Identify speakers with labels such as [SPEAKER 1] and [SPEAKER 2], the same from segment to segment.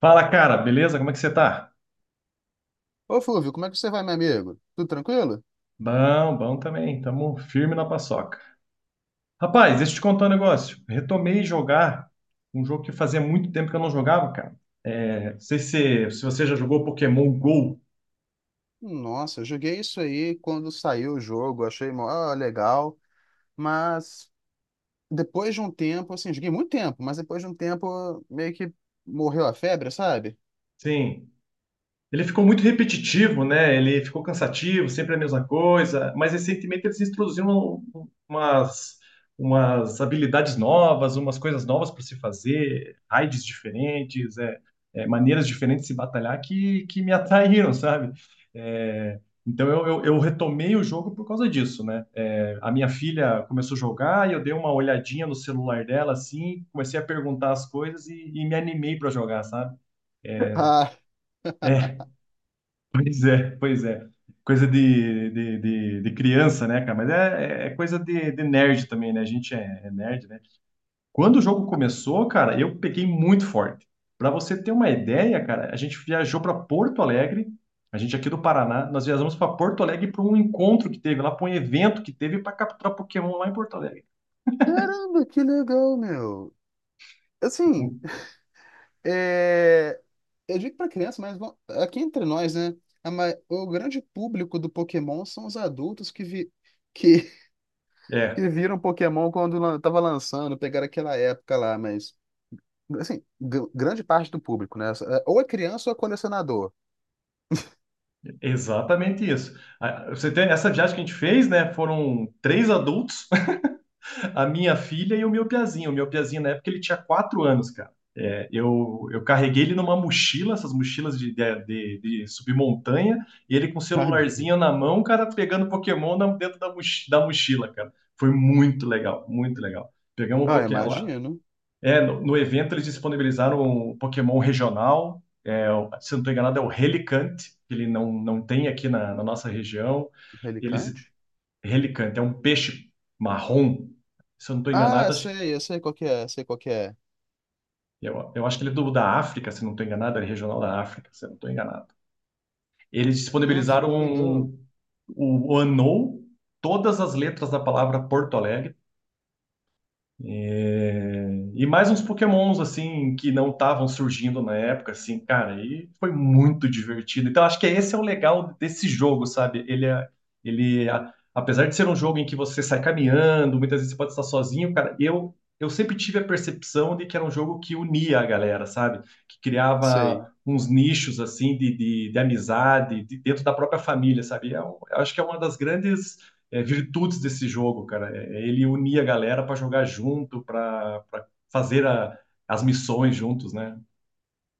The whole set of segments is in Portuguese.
[SPEAKER 1] Fala, cara, beleza? Como é que você tá?
[SPEAKER 2] Ô, Flúvio, como é que você vai, meu amigo? Tudo tranquilo?
[SPEAKER 1] Bom, bom também. Tamo firme na paçoca. Rapaz, deixa eu te contar um negócio. Retomei jogar um jogo que fazia muito tempo que eu não jogava, cara. É, não sei se você já jogou Pokémon Go.
[SPEAKER 2] Nossa, eu joguei isso aí quando saiu o jogo, achei mó legal, mas depois de um tempo, assim, joguei muito tempo, mas depois de um tempo meio que morreu a febre, sabe?
[SPEAKER 1] Sim. Ele ficou muito repetitivo, né? Ele ficou cansativo, sempre a mesma coisa. Mas recentemente eles introduziram um- umas, umas habilidades novas, umas coisas novas para se fazer, raids diferentes, maneiras diferentes de se batalhar que me atraíram, sabe? É, então eu retomei o jogo por causa disso, né? A minha filha começou a jogar e eu dei uma olhadinha no celular dela, assim, comecei a perguntar as coisas e me animei para jogar, sabe? É,
[SPEAKER 2] Ah,
[SPEAKER 1] é Pois é, pois é. Coisa de criança, né, cara? Mas é coisa de nerd também, né? A gente é nerd, né? Quando o jogo começou, cara, eu peguei muito forte. Pra você ter uma ideia, cara, a gente viajou pra Porto Alegre, a gente aqui do Paraná, nós viajamos pra Porto Alegre pra um encontro que teve lá, pra um evento que teve pra capturar Pokémon lá em Porto Alegre.
[SPEAKER 2] caramba, que legal, meu. Assim, é... eu digo pra criança, mas bom, aqui entre nós, né? O grande público do Pokémon são os adultos que, que
[SPEAKER 1] É,
[SPEAKER 2] que viram Pokémon quando tava lançando, pegaram aquela época lá, mas assim, grande parte do público, né? É, ou é criança ou é colecionador,
[SPEAKER 1] exatamente isso. Ah, você tem essa viagem que a gente fez, né? Foram três adultos, a minha filha e o meu piazinho. O meu piazinho, na época, ele tinha 4 anos, cara. Eu carreguei ele numa mochila, essas mochilas de subir montanha, e ele com o
[SPEAKER 2] sabe?
[SPEAKER 1] celularzinho na mão, cara, pegando Pokémon dentro da mochila, cara. Foi muito legal, muito legal. Pegamos um
[SPEAKER 2] Ah,
[SPEAKER 1] Pokémon lá.
[SPEAKER 2] imagino.
[SPEAKER 1] No evento eles disponibilizaram um Pokémon regional, se eu não estou enganado, é o Relicante, que ele não tem aqui na nossa região. Eles
[SPEAKER 2] Relicante?
[SPEAKER 1] Relicante, é um peixe marrom. Se eu não estou
[SPEAKER 2] Ah,
[SPEAKER 1] enganado, acho,
[SPEAKER 2] sei, eu sei qual que é, sei qual que é.
[SPEAKER 1] eu acho que ele é da África, se eu não estou enganado, ele é regional da África, se eu não estou enganado. Eles
[SPEAKER 2] Nossa,
[SPEAKER 1] disponibilizaram
[SPEAKER 2] que legal.
[SPEAKER 1] o ANOU, todas as letras da palavra Porto Alegre. É, E mais uns Pokémons, assim, que não estavam surgindo na época, assim, cara, e foi muito divertido. Então, acho que esse é o legal desse jogo, sabe? Ele é, ele, a- Apesar de ser um jogo em que você sai caminhando, muitas vezes você pode estar sozinho, cara, eu sempre tive a percepção de que era um jogo que unia a galera, sabe? Que criava
[SPEAKER 2] Sei.
[SPEAKER 1] uns nichos, assim, de amizade, dentro da própria família, sabe? Eu acho que é uma das grandes virtudes desse jogo, cara. Ele unia a galera para jogar junto, para fazer as missões juntos, né?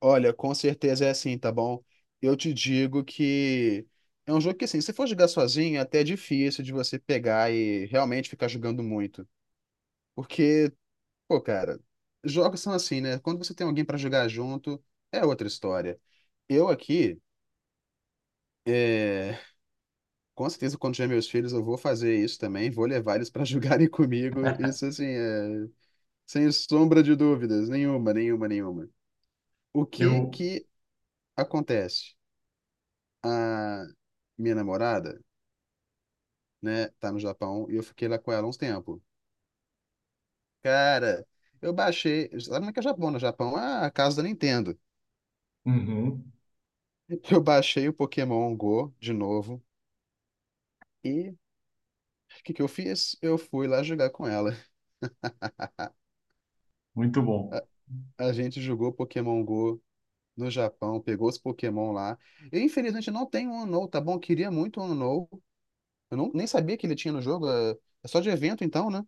[SPEAKER 2] Olha, com certeza é assim, tá bom? Eu te digo que é um jogo que, assim, se for jogar sozinho, até é difícil de você pegar e realmente ficar jogando muito. Porque pô, cara, jogos são assim, né? Quando você tem alguém pra jogar junto, é outra história. Eu aqui, é, com certeza, quando tiver meus filhos, eu vou fazer isso também, vou levar eles pra jogarem comigo. Isso, assim, sem sombra de dúvidas, nenhuma, nenhuma, nenhuma. O que
[SPEAKER 1] Eu.
[SPEAKER 2] que acontece? A minha namorada, né, tá no Japão e eu fiquei lá com ela há uns tempo. Cara, eu baixei. Sabe como é que é o Japão? No Japão, a casa da Nintendo.
[SPEAKER 1] Uhum,
[SPEAKER 2] Eu baixei o Pokémon Go de novo. E o que que eu fiz? Eu fui lá jogar com ela.
[SPEAKER 1] muito bom.
[SPEAKER 2] A, a gente jogou Pokémon Go no Japão, pegou os Pokémon lá. Eu, infelizmente, não tenho um Unknown, tá bom? Eu queria muito um Unknown. Eu não, nem sabia que ele tinha no jogo. É só de evento, então, né?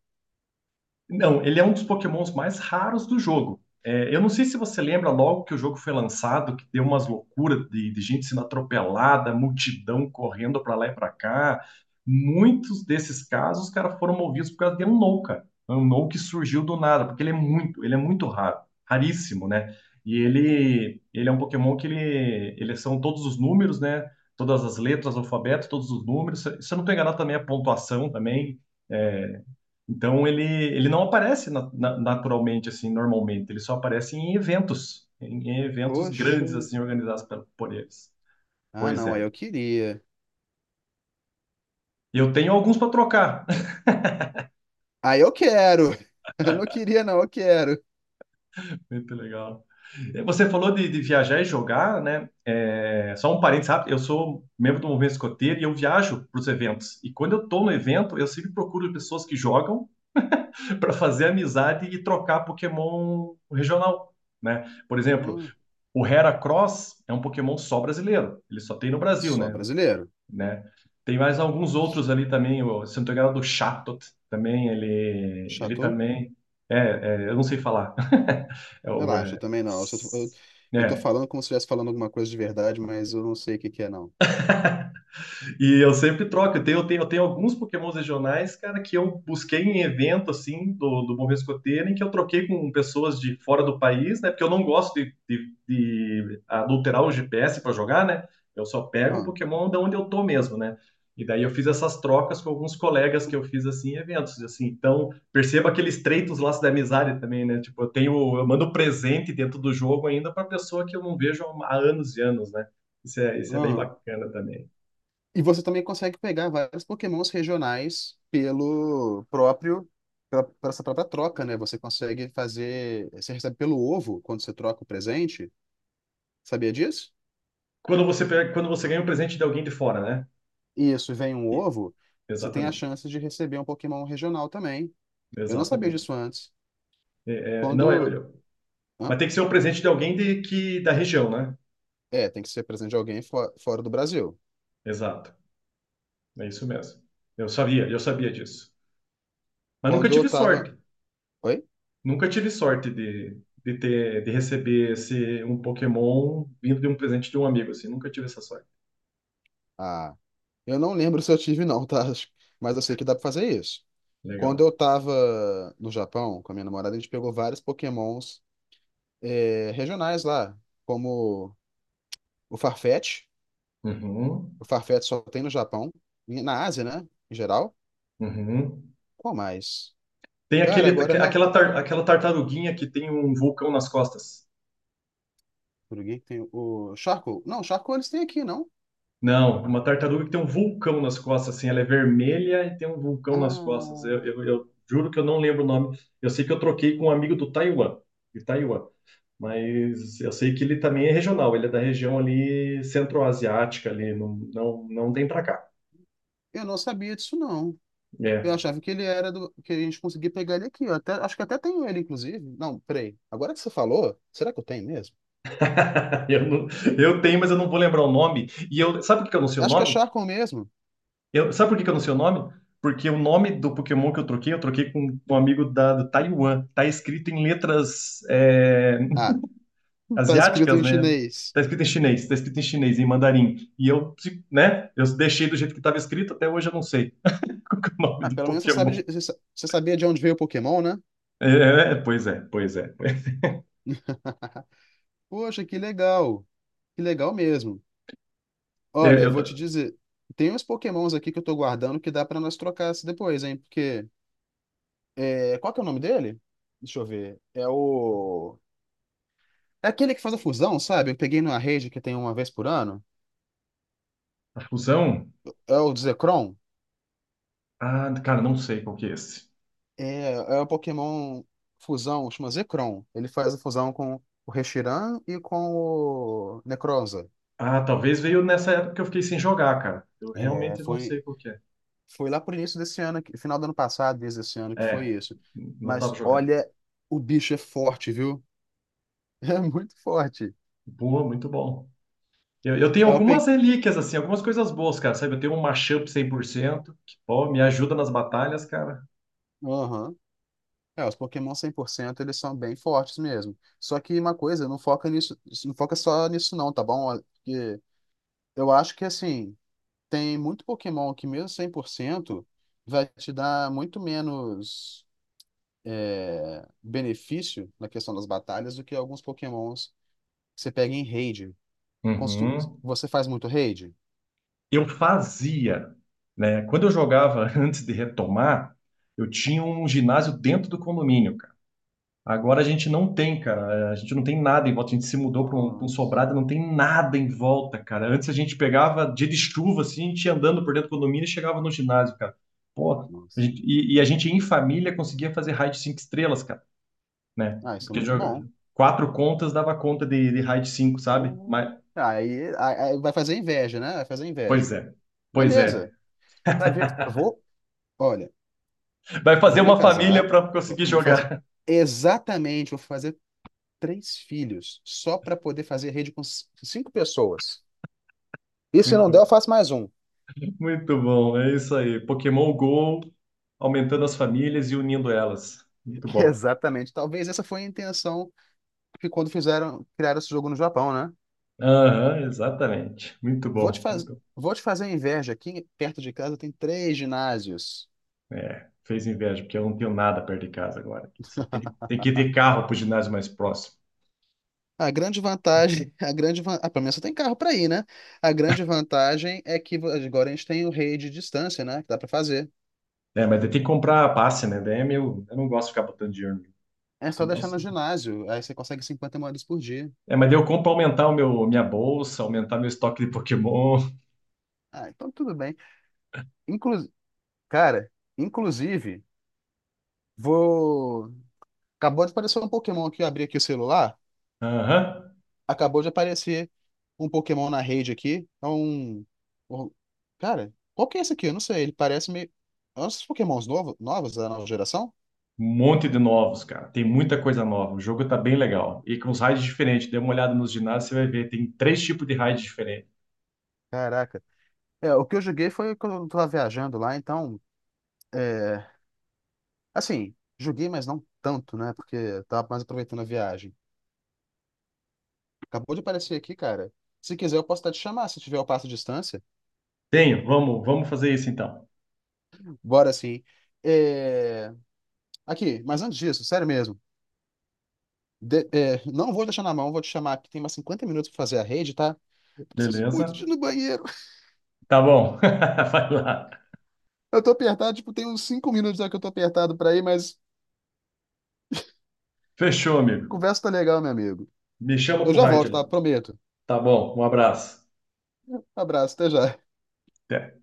[SPEAKER 1] Não, ele é um dos Pokémons mais raros do jogo. Eu não sei se você lembra logo que o jogo foi lançado, que deu umas loucuras de gente sendo atropelada, multidão correndo para lá e para cá. Muitos desses casos, os caras foram movidos por causa de um no, cara. Um no que surgiu do nada, porque ele é muito raro, raríssimo, né? E ele é um Pokémon que ele são todos os números, né? Todas as letras, alfabeto, todos os números. Se eu não estou enganado, também a pontuação também. É, então ele não aparece naturalmente assim, normalmente, ele só aparece em eventos, em eventos
[SPEAKER 2] Poxa.
[SPEAKER 1] grandes assim organizados por eles.
[SPEAKER 2] Ah,
[SPEAKER 1] Pois
[SPEAKER 2] não, aí
[SPEAKER 1] é.
[SPEAKER 2] eu queria.
[SPEAKER 1] E eu tenho alguns para trocar.
[SPEAKER 2] Aí eu quero! Eu não queria, não, eu quero.
[SPEAKER 1] Muito legal. Você falou de viajar e jogar, né? Só um parênteses rápido, eu sou membro do movimento escoteiro e eu viajo para os eventos. E quando eu estou no evento, eu sempre procuro pessoas que jogam para fazer amizade e trocar Pokémon regional, né? Por exemplo,
[SPEAKER 2] Hum,
[SPEAKER 1] o Heracross é um Pokémon só brasileiro. Ele só tem no Brasil,
[SPEAKER 2] só
[SPEAKER 1] né?
[SPEAKER 2] brasileiro.
[SPEAKER 1] Né? Tem mais alguns outros ali também. Se eu não tô enganado, o Chatot também. Ele
[SPEAKER 2] Chato?
[SPEAKER 1] também. É, eu não sei falar. É, o,
[SPEAKER 2] Relaxa,
[SPEAKER 1] é,
[SPEAKER 2] também não. Eu tô
[SPEAKER 1] é,
[SPEAKER 2] falando como se estivesse falando alguma coisa de verdade, mas eu não sei o que que é, não.
[SPEAKER 1] E eu sempre troco. Eu tenho alguns Pokémons regionais, cara, que eu busquei em evento, assim, do Bom Escoteiro, em que eu troquei com pessoas de fora do país, né? Porque eu não gosto de adulterar o GPS para jogar, né? Eu só pego o
[SPEAKER 2] Ah,
[SPEAKER 1] Pokémon de onde eu tô mesmo, né? E daí eu fiz essas trocas com alguns colegas que eu fiz, assim, em eventos, assim. Então, perceba aquele estreitos laços da amizade também, né? Tipo, eu mando presente dentro do jogo ainda para pessoa que eu não vejo há anos e anos, né? Isso é bem
[SPEAKER 2] aham.
[SPEAKER 1] bacana também.
[SPEAKER 2] E você também consegue pegar vários Pokémons regionais por essa própria troca, né? Você recebe pelo ovo quando você troca o presente. Sabia disso?
[SPEAKER 1] Quando você pega, quando você ganha um presente de alguém de fora, né?
[SPEAKER 2] Isso, vem um
[SPEAKER 1] E-
[SPEAKER 2] ovo, você tem a
[SPEAKER 1] Exatamente,
[SPEAKER 2] chance de receber um Pokémon regional também. Eu não sabia
[SPEAKER 1] exatamente.
[SPEAKER 2] disso antes.
[SPEAKER 1] É, não é,
[SPEAKER 2] Quando, hã?
[SPEAKER 1] mas tem que ser um presente de alguém que da região, né?
[SPEAKER 2] É, tem que ser presente de alguém fora do Brasil.
[SPEAKER 1] Exato, é isso mesmo. Eu sabia disso. Mas nunca
[SPEAKER 2] Quando eu
[SPEAKER 1] tive
[SPEAKER 2] tava,
[SPEAKER 1] sorte,
[SPEAKER 2] oi?
[SPEAKER 1] nunca tive sorte de receber esse um Pokémon vindo de um presente de um amigo, assim. Nunca tive essa sorte.
[SPEAKER 2] Ah, eu não lembro se eu tive não, tá? Mas eu sei que dá pra fazer isso. Quando
[SPEAKER 1] Legal.
[SPEAKER 2] eu tava no Japão com a minha namorada, a gente pegou vários Pokémons regionais lá, como o Farfetch.
[SPEAKER 1] Uhum,
[SPEAKER 2] O Farfetch só tem no Japão, e na Ásia, né? Em geral.
[SPEAKER 1] uhum.
[SPEAKER 2] Qual mais?
[SPEAKER 1] Tem
[SPEAKER 2] Cara,
[SPEAKER 1] aquele, aquela tartaruguinha que tem um vulcão nas costas.
[SPEAKER 2] por que que tem o Charco? Não, Charco eles têm aqui, não?
[SPEAKER 1] Não, uma tartaruga que tem um vulcão nas costas, assim, ela é vermelha e tem um vulcão nas costas. Eu,
[SPEAKER 2] Ah,
[SPEAKER 1] eu- eu juro que eu não lembro o nome. Eu sei que eu troquei com um amigo de Taiwan, mas eu sei que ele também é regional, ele é da região ali centro-asiática, ali, não, não, não tem pra cá.
[SPEAKER 2] eu não sabia disso não. Eu
[SPEAKER 1] É.
[SPEAKER 2] achava que ele era do. Que a gente conseguia pegar ele aqui. Acho que até tenho ele, inclusive. Não, peraí. Agora que você falou, será que eu tenho mesmo?
[SPEAKER 1] Eu, não- eu tenho, mas eu não vou lembrar o nome. Sabe por que eu não sei o
[SPEAKER 2] Acho que é
[SPEAKER 1] nome?
[SPEAKER 2] Charcon mesmo.
[SPEAKER 1] Sabe por que que eu não sei o nome? Porque o nome do Pokémon que eu troquei com um amigo do Taiwan. Tá escrito em letras,
[SPEAKER 2] Ah, tá escrito
[SPEAKER 1] asiáticas,
[SPEAKER 2] em
[SPEAKER 1] né?
[SPEAKER 2] chinês.
[SPEAKER 1] Tá escrito em chinês, tá escrito em chinês, em mandarim. E eu, né? Eu deixei do jeito que estava escrito, até hoje eu não sei qual que é o nome
[SPEAKER 2] Ah,
[SPEAKER 1] do
[SPEAKER 2] pelo menos você sabe
[SPEAKER 1] Pokémon.
[SPEAKER 2] de- você sa- você sabia de onde veio o Pokémon, né?
[SPEAKER 1] Pois é, pois é.
[SPEAKER 2] Poxa, que legal. Que legal mesmo. Olha,
[SPEAKER 1] É,
[SPEAKER 2] eu
[SPEAKER 1] eu
[SPEAKER 2] vou
[SPEAKER 1] ta-
[SPEAKER 2] te dizer, tem uns Pokémons aqui que eu tô guardando que dá pra nós trocar se depois, hein? Porque qual que é o nome dele? Deixa eu ver. É o É aquele que faz a fusão, sabe? Eu peguei numa rede que tem uma vez por ano.
[SPEAKER 1] a fusão?
[SPEAKER 2] É o Zekrom?
[SPEAKER 1] Ah, cara, não sei qual que é esse.
[SPEAKER 2] É o Pokémon fusão, chama Zekrom. Ele faz a fusão com o Reshiram e com o Necronza.
[SPEAKER 1] Ah, talvez veio nessa época que eu fiquei sem jogar, cara. Eu
[SPEAKER 2] É,
[SPEAKER 1] realmente não sei
[SPEAKER 2] foi,
[SPEAKER 1] qual que é.
[SPEAKER 2] foi lá por início desse ano, final do ano passado, desde esse ano que foi
[SPEAKER 1] É,
[SPEAKER 2] isso.
[SPEAKER 1] não tava
[SPEAKER 2] Mas
[SPEAKER 1] jogando.
[SPEAKER 2] olha, o bicho é forte, viu? É muito forte.
[SPEAKER 1] Boa, muito bom. Eu tenho
[SPEAKER 2] É o pe...
[SPEAKER 1] algumas relíquias, assim, algumas coisas boas, cara, sabe? Eu tenho um mashup 100%, que, pô, me ajuda nas batalhas, cara.
[SPEAKER 2] Aham. É, os Pokémon 100% eles são bem fortes mesmo. Só que uma coisa, não foca nisso, não foca só nisso não, tá bom? Porque eu acho que assim, tem muito Pokémon que, mesmo 100% vai te dar muito menos benefício na questão das batalhas do que alguns Pokémons que você pega em raid. Constru-
[SPEAKER 1] Uhum.
[SPEAKER 2] Você faz muito raid?
[SPEAKER 1] Eu fazia, né? Quando eu jogava antes de retomar, eu tinha um ginásio dentro do condomínio, cara. Agora a gente não tem, cara. A gente não tem nada em volta. A gente se mudou para um, pra um
[SPEAKER 2] Nossa,
[SPEAKER 1] sobrado, não tem nada em volta, cara. Antes a gente pegava dia de chuva, assim, a gente ia andando por dentro do condomínio e chegava no ginásio, cara. Pô, a
[SPEAKER 2] nossa.
[SPEAKER 1] gente- e, e a gente em família conseguia fazer raid 5 estrelas, cara, né?
[SPEAKER 2] Ah, isso é
[SPEAKER 1] Porque
[SPEAKER 2] muito bom.
[SPEAKER 1] quatro contas dava conta de raid 5, sabe?
[SPEAKER 2] Vou-
[SPEAKER 1] Mas,
[SPEAKER 2] Aí, aí vai fazer inveja, né? Vai fazer inveja.
[SPEAKER 1] pois é, pois é.
[SPEAKER 2] Beleza. Vai ver. Olha,
[SPEAKER 1] Vai fazer
[SPEAKER 2] vou me
[SPEAKER 1] uma família
[SPEAKER 2] casar,
[SPEAKER 1] para
[SPEAKER 2] vou
[SPEAKER 1] conseguir
[SPEAKER 2] vou fazer
[SPEAKER 1] jogar.
[SPEAKER 2] vou fazer três filhos só para poder fazer rede com cinco pessoas. E se não der,
[SPEAKER 1] Muito,
[SPEAKER 2] eu faço mais um.
[SPEAKER 1] muito bom, é isso aí. Pokémon Go aumentando as famílias e unindo elas. Muito bom.
[SPEAKER 2] Exatamente. Talvez essa foi a intenção que quando fizeram, criaram esse jogo no Japão, né?
[SPEAKER 1] Aham, exatamente. Muito
[SPEAKER 2] Vou te
[SPEAKER 1] bom.
[SPEAKER 2] faz...
[SPEAKER 1] Muito...
[SPEAKER 2] Vou te fazer inveja. Aqui perto de casa tem três ginásios.
[SPEAKER 1] Fez inveja, porque eu não tenho nada perto de casa agora. Só tem que ir carro para o ginásio mais próximo.
[SPEAKER 2] A grande vantagem, a grande van... ah, pelo menos você tem carro para ir, né? A grande vantagem é que agora a gente tem o rei de distância, né? Que dá para fazer.
[SPEAKER 1] Mas daí tem que comprar passe, né? Daí é meu, eu não gosto de ficar botando dinheiro.
[SPEAKER 2] É só
[SPEAKER 1] Eu
[SPEAKER 2] deixar no
[SPEAKER 1] gosto-
[SPEAKER 2] ginásio, aí você consegue 50 moedas por dia.
[SPEAKER 1] mas daí eu compro para aumentar minha bolsa, aumentar meu estoque de Pokémon.
[SPEAKER 2] Ah, então tudo bem. Inclu... Cara, inclusive, vou. Acabou de aparecer um Pokémon aqui, eu abri aqui o celular.
[SPEAKER 1] Aham.
[SPEAKER 2] Acabou de aparecer um Pokémon na rede aqui. Um- Cara, qual que é esse aqui? Eu não sei. Ele parece meio. É um dos Pokémons novos da nova geração?
[SPEAKER 1] Um monte de novos, cara. Tem muita coisa nova. O jogo tá bem legal. E com os raids diferentes. Dê uma olhada nos ginásios, você vai ver. Tem três tipos de raid diferentes.
[SPEAKER 2] Caraca. É, o que eu joguei foi quando eu tava viajando lá, então. É... Assim, joguei, mas não tanto, né? Porque eu tava mais aproveitando a viagem. Acabou de aparecer aqui, cara. Se quiser, eu posso até te chamar se tiver o passo de distância.
[SPEAKER 1] Tenho. Vamos, vamos fazer isso então.
[SPEAKER 2] Bora sim. É... Aqui, mas antes disso, sério mesmo. Não vou deixar na mão, vou te chamar aqui. Tem mais 50 minutos pra fazer a rede, tá? Preciso muito de
[SPEAKER 1] Beleza?
[SPEAKER 2] ir no banheiro.
[SPEAKER 1] Tá bom. Vai lá.
[SPEAKER 2] Eu tô apertado, tipo, tem uns 5 minutos já que eu tô apertado pra ir, mas
[SPEAKER 1] Fechou, amigo.
[SPEAKER 2] conversa tá legal, meu amigo.
[SPEAKER 1] Me chama
[SPEAKER 2] Eu
[SPEAKER 1] pro
[SPEAKER 2] já
[SPEAKER 1] raid
[SPEAKER 2] volto, tá?
[SPEAKER 1] lá.
[SPEAKER 2] Prometo.
[SPEAKER 1] Tá bom. Um abraço.
[SPEAKER 2] Abraço, até já.
[SPEAKER 1] Até.